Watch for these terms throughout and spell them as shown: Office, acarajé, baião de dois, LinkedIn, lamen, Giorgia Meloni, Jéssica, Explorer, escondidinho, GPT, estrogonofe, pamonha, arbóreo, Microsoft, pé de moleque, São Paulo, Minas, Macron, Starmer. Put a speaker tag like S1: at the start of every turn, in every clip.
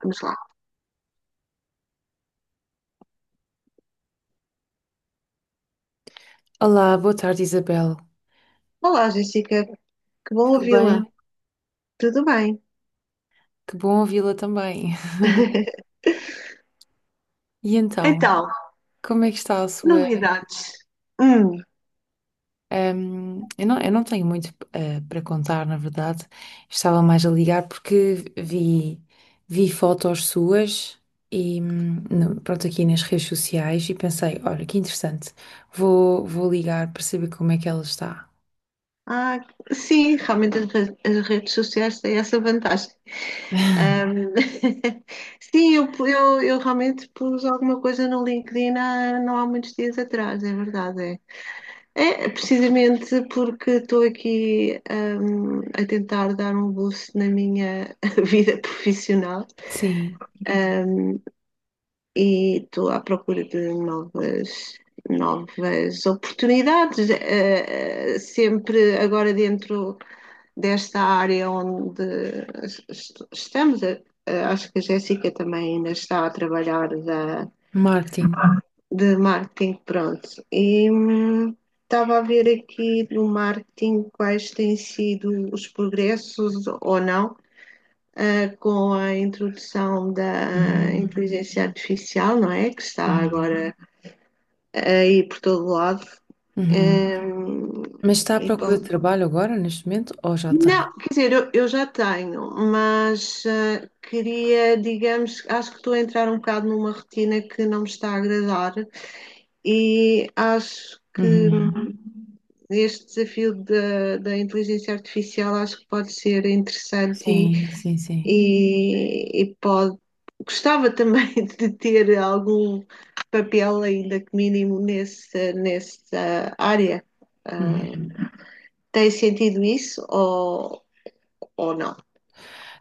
S1: Vamos lá.
S2: Olá, boa tarde, Isabel.
S1: Olá, Jéssica, que bom
S2: Tudo
S1: ouvi-la.
S2: bem?
S1: Tudo bem?
S2: Que bom ouvi-la também. E então,
S1: Então,
S2: como é que está a sua.
S1: novidades. Hum,
S2: Eu não, eu não tenho muito para contar, na verdade. Estava mais a ligar porque vi, vi fotos suas e pronto, aqui nas redes sociais e pensei, olha, que interessante. Vou, vou ligar para saber como é que ela está.
S1: ah, sim, realmente as redes sociais têm essa vantagem. Ahm, sim, eu realmente pus alguma coisa no LinkedIn há, não há muitos dias atrás, é verdade. É, é precisamente porque estou aqui, a tentar dar um boost na minha vida profissional.
S2: Sim,
S1: E estou à procura de novas, novas oportunidades, sempre agora dentro desta área onde estamos. Acho que a Jéssica também ainda está a trabalhar
S2: marketing.
S1: de marketing, pronto. E estava a ver aqui no marketing quais têm sido os progressos ou não. Com a introdução da
S2: Uhum,
S1: inteligência artificial, não é? Que está
S2: uhum,
S1: agora aí por todo lado.
S2: uhum.
S1: Hum,
S2: Mas está à procura de
S1: então,
S2: trabalho agora, neste momento, ou já tem?
S1: não, quer dizer, eu já tenho, mas queria, digamos, acho que estou a entrar um bocado numa rotina que não me está a agradar e acho que
S2: Uhum.
S1: este desafio da, da inteligência artificial acho que pode ser interessante e
S2: Sim, sim, sim.
S1: e, e pode, gostava também de ter algum papel, ainda que mínimo, nesse, nessa área. Ah,
S2: Uhum.
S1: Tem sentido isso ou não?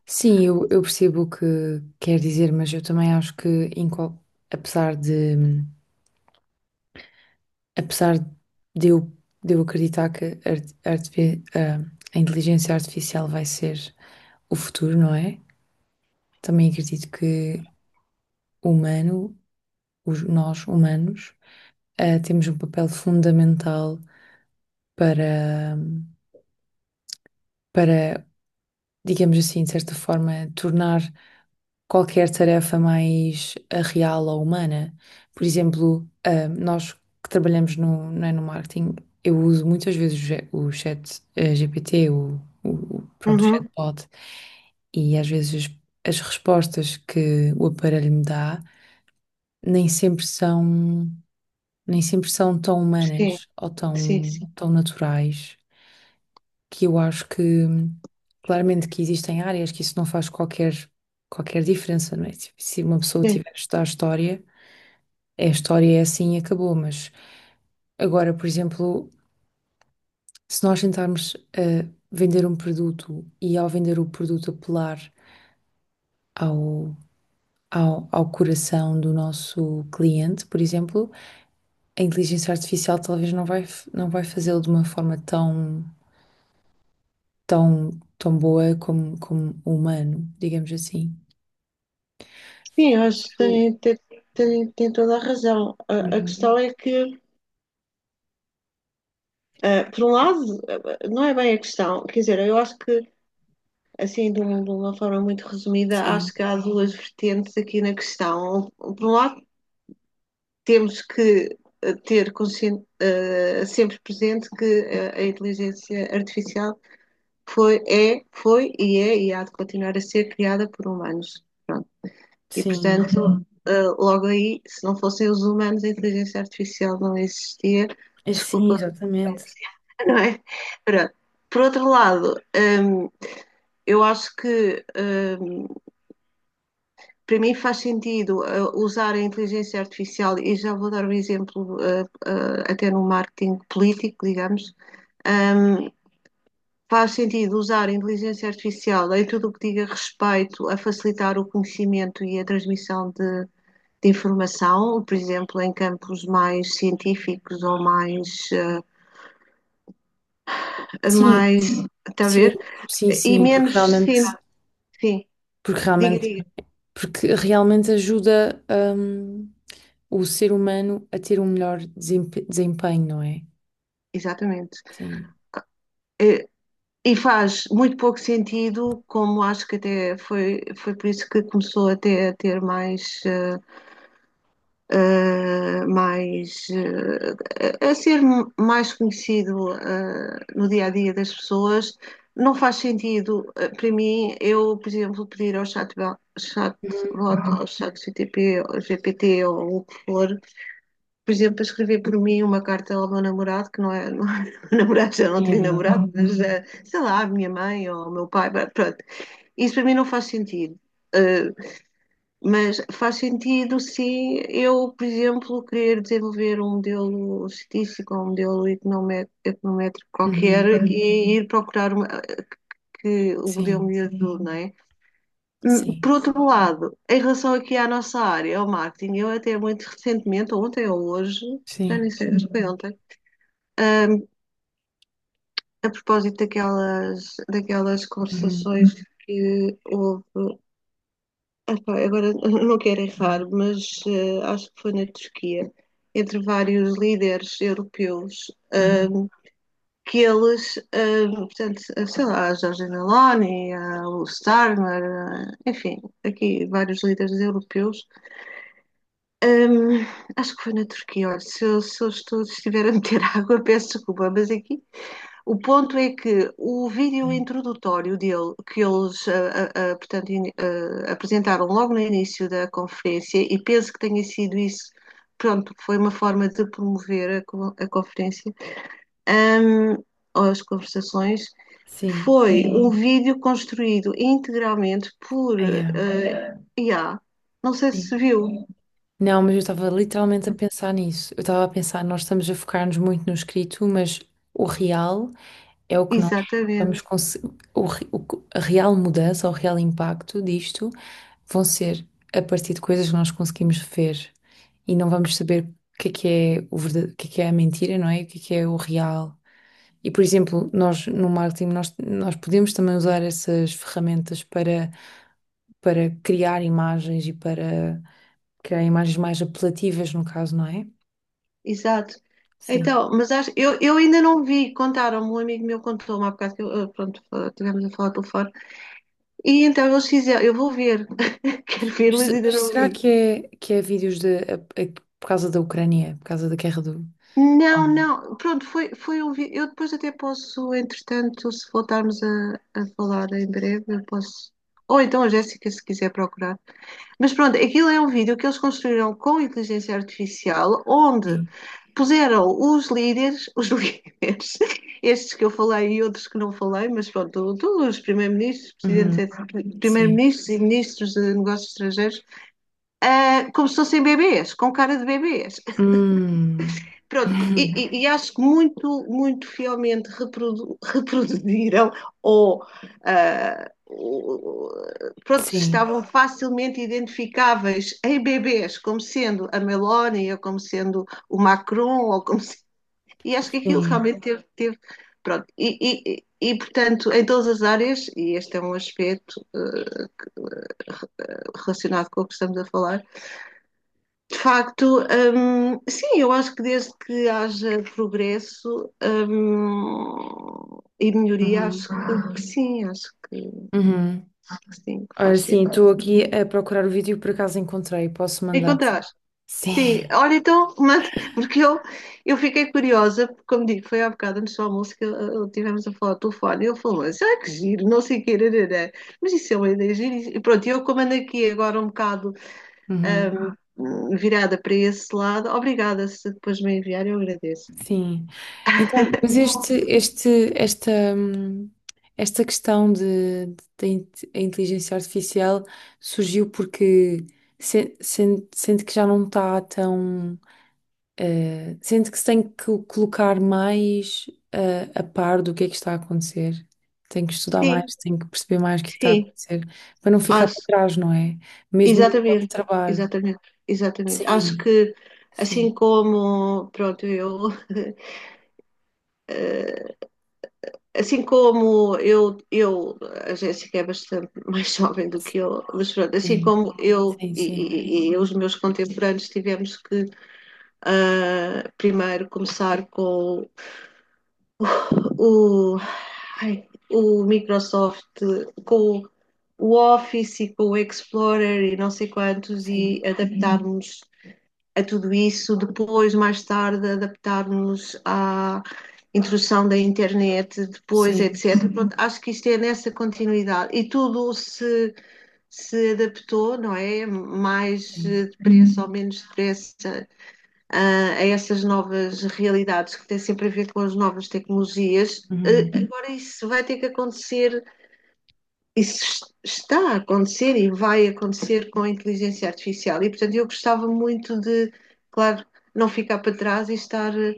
S2: Sim, eu percebo o que quer dizer, mas eu também acho que, em qual- apesar de, apesar de eu, de eu acreditar que a a inteligência artificial vai ser o futuro, não é? Também acredito que o humano, nós humanos, temos um papel fundamental para, para, digamos assim, de certa forma, tornar qualquer tarefa mais real ou humana. Por exemplo, nós que trabalhamos no, não é, no marketing, eu uso muitas vezes o chat GPT, pronto, o
S1: Uhum,
S2: chatbot, e às vezes as respostas que o aparelho me dá nem sempre são, nem sempre são tão
S1: sim,
S2: humanas ou
S1: sim,
S2: tão,
S1: sim.
S2: tão naturais que eu acho que claramente que existem áreas que isso não faz qualquer, qualquer diferença, não é? Se se uma pessoa
S1: Sim,
S2: tiver a estudar história, a história é assim e acabou, mas agora, por exemplo, se nós tentarmos vender um produto e ao vender o produto apelar ao, ao, ao coração do nosso cliente, por exemplo, a inteligência artificial talvez não vai, não vai fazê-lo de uma forma tão, tão, tão boa como, como o humano, digamos assim.
S1: sim, eu acho que
S2: Isso.
S1: tem, tem, tem toda a razão. A questão
S2: Uhum.
S1: é que, por um lado, não é bem a questão. Quer dizer, eu acho que, assim, de uma forma muito resumida,
S2: Sim,
S1: acho que há duas vertentes aqui na questão. Por um lado, temos que ter consciente, sempre presente que a inteligência artificial foi, é, foi e é e há de continuar a ser criada por humanos. Pronto. E,
S2: sim.
S1: portanto, logo aí, se não fossem os humanos, a inteligência artificial não existia.
S2: É, sim,
S1: Desculpa,
S2: exatamente.
S1: não é? Pronto. Por outro lado, eu acho que para mim faz sentido usar a inteligência artificial, e já vou dar um exemplo até no marketing político, digamos, um, faz sentido usar a inteligência artificial em tudo o que diga respeito a facilitar o conhecimento e a transmissão de informação, por exemplo, em campos mais científicos ou mais.
S2: Sim,
S1: Mais, está a
S2: sim,
S1: ver?
S2: sim,
S1: E
S2: sim, porque
S1: menos. Sim,
S2: realmente,
S1: sim.
S2: porque
S1: Diga,
S2: realmente,
S1: diga.
S2: porque realmente ajuda, o ser humano a ter um melhor desempenho, não é?
S1: Exatamente.
S2: Sim.
S1: Eh, E faz muito pouco sentido, como acho que até foi, foi por isso que começou até a ter mais, mais a ser mais conhecido, no dia a dia das pessoas. Não faz sentido, para mim, eu, por exemplo, pedir chat,
S2: Uhum.
S1: ao chat GPT, ao GPT ou o que for, por exemplo, a escrever por mim uma carta ao meu namorado, que não é, não é meu namorado, já não
S2: Sim, é
S1: tenho
S2: verdade.
S1: namorado, mas sei lá, a minha mãe ou o meu pai, pronto. Isso para mim não faz sentido. Eh, mas faz sentido se eu, por exemplo, querer desenvolver um modelo estatístico ou um modelo econométrico qualquer.
S2: Uhum.
S1: Uhum. E ir procurar que o modelo
S2: Sim,
S1: me ajude, não é?
S2: sim,
S1: Por outro lado, em relação aqui à nossa área, ao marketing, eu até muito recentemente, ontem ou hoje, já nem
S2: sim.
S1: sei, acho que foi ontem. Ahm, a propósito daquelas, daquelas
S2: Uhum.
S1: conversações que houve, epá, agora não quero errar,
S2: Uhum.
S1: mas acho que foi na Turquia, entre vários líderes europeus,
S2: Uhum.
S1: que eles, portanto, sei lá, a Giorgia Meloni, o Starmer, a- enfim, aqui vários líderes europeus, ahm, acho que foi na Turquia, olha, se eu estou, se estiver a meter água, peço desculpa, mas aqui. O ponto é que o vídeo
S2: Sim.
S1: introdutório dele, que eles portanto, apresentaram logo no início da conferência, e penso que tenha sido isso, pronto, foi uma forma de promover a conferência, ahm, ou as conversações,
S2: Sim.
S1: foi Sim. um vídeo construído integralmente por
S2: Ah, yeah.
S1: IA. Não sei se
S2: Sim.
S1: viu, sim.
S2: Não, mas eu estava literalmente a pensar nisso. Eu estava a pensar, nós estamos a focar-nos muito no escrito, mas o real é o que nós vamos
S1: Exatamente.
S2: conseguir. O, re- o que- A real mudança, o real impacto disto vão ser a partir de coisas que nós conseguimos ver e não vamos saber o que é o verdade, o que é a mentira, não é? E o que é o real. E, por exemplo, nós no marketing, nós podemos também usar essas ferramentas para, para criar imagens e para criar imagens mais apelativas, no caso, não é?
S1: Exato.
S2: Sim.
S1: Então, mas acho, eu ainda não vi, contaram-me, um amigo meu contou-me há bocado que eu, pronto, estivemos a falar pelo fora. E então eles fizeram, eu vou ver, quero ver,
S2: Mas,
S1: mas ainda
S2: mas
S1: não
S2: será
S1: vi.
S2: que é vídeos de, por causa da Ucrânia, por causa da guerra do. Oh,
S1: Não,
S2: não.
S1: não, pronto, foi, foi um vídeo. Eu depois até posso, entretanto, se voltarmos a falar em breve, eu posso. Ou então a Jéssica, se quiser procurar. Mas pronto, aquilo é um vídeo que eles construíram com inteligência artificial, onde
S2: Sim.
S1: puseram os líderes, os líderes, estes que eu falei e outros que não falei, mas pronto, todos os primeiros-ministros,
S2: Uhum.
S1: presidentes,
S2: Sim.
S1: primeiros-ministros e ministros de negócios estrangeiros, como se fossem bebês, com cara de bebês.
S2: Hum.
S1: Pronto, e acho que muito, muito fielmente reproduziram ou. Pronto,
S2: Sim.
S1: estavam facilmente identificáveis em bebês, como sendo a Meloni, ou como sendo o Macron, ou como, e acho que aquilo
S2: Sim.
S1: realmente teve, teve pronto. E, portanto, em todas as áreas, e este é um aspecto relacionado com o que estamos a falar, de facto, sim, eu acho que desde que haja progresso e melhoria,
S2: Uhum.
S1: acho que
S2: Uhum.
S1: sim, que
S2: Ora,
S1: faz
S2: sim, estou aqui
S1: sentido.
S2: a procurar o vídeo e por acaso encontrei. Posso mandar?
S1: Encontrar.
S2: Sim.
S1: Sim, olha então, manda- porque eu fiquei curiosa, porque como digo, foi há bocado antes do almoço que tivemos a falar ao telefone, e ele falou assim, ah, que giro, não sei o que, mas isso é uma ideia gira, e pronto, eu como ando aqui agora um bocado
S2: Uhum.
S1: ahm, virada para esse lado, obrigada se depois me enviar, eu agradeço.
S2: Sim. Então, mas este, esta, esta questão de, a inteligência artificial surgiu porque sente, sente que já não está tão, sente que se tem que colocar mais, a par do que é que está a acontecer. Tem que estudar
S1: Sim,
S2: mais, tem que perceber mais o que é que está a
S1: sim,
S2: acontecer, para não ficar para
S1: acho,
S2: trás, não é? Mesmo a nível de
S1: exatamente,
S2: trabalho.
S1: exatamente, exatamente, acho
S2: Sim,
S1: que
S2: sim,
S1: assim como, pronto, eu... Assim como a Jéssica é bastante mais jovem do que eu, mas pronto, assim
S2: sim,
S1: como eu
S2: sim, sim,
S1: e os meus contemporâneos tivemos que primeiro começar com o, ai, o Microsoft, com o Office e com o Explorer e não sei quantos,
S2: sim,
S1: e adaptarmos a tudo isso, depois, mais tarde, adaptarmos à introdução da internet, depois,
S2: sim,
S1: etc. Pronto, acho que isto é nessa continuidade. E tudo se, se adaptou, não é? Mais
S2: sim.
S1: depressa ou menos depressa a essas novas realidades que têm sempre a ver com as novas tecnologias.
S2: Uhum.
S1: Agora, isso vai ter que acontecer, isso está a acontecer e vai acontecer com a inteligência artificial. E, portanto, eu gostava muito de, claro, não ficar para trás e estar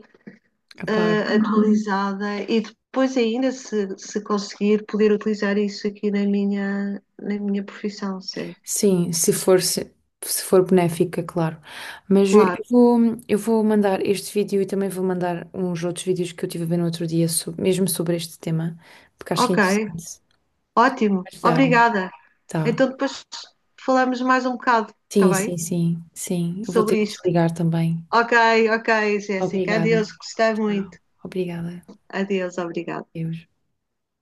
S2: Claro.
S1: atualizada e depois ainda, se conseguir, poder utilizar isso aqui na minha profissão, sim.
S2: Sim, se for, se for benéfica, claro. Mas
S1: Claro.
S2: eu vou mandar este vídeo e também vou mandar uns outros vídeos que eu tive a ver no outro dia, mesmo sobre este tema, porque acho que é
S1: Ok,
S2: interessante
S1: ótimo.
S2: ajudarmos.
S1: Obrigada.
S2: Tá.
S1: Então depois falamos mais um bocado, está
S2: Sim, sim,
S1: bem?
S2: sim, sim. Eu vou ter
S1: Sobre
S2: que
S1: isto.
S2: desligar também.
S1: Ok, ok, Jéssica. Adeus,
S2: Obrigada.
S1: gostei muito.
S2: Tchau. Obrigada.
S1: Adeus, obrigada.
S2: Deus.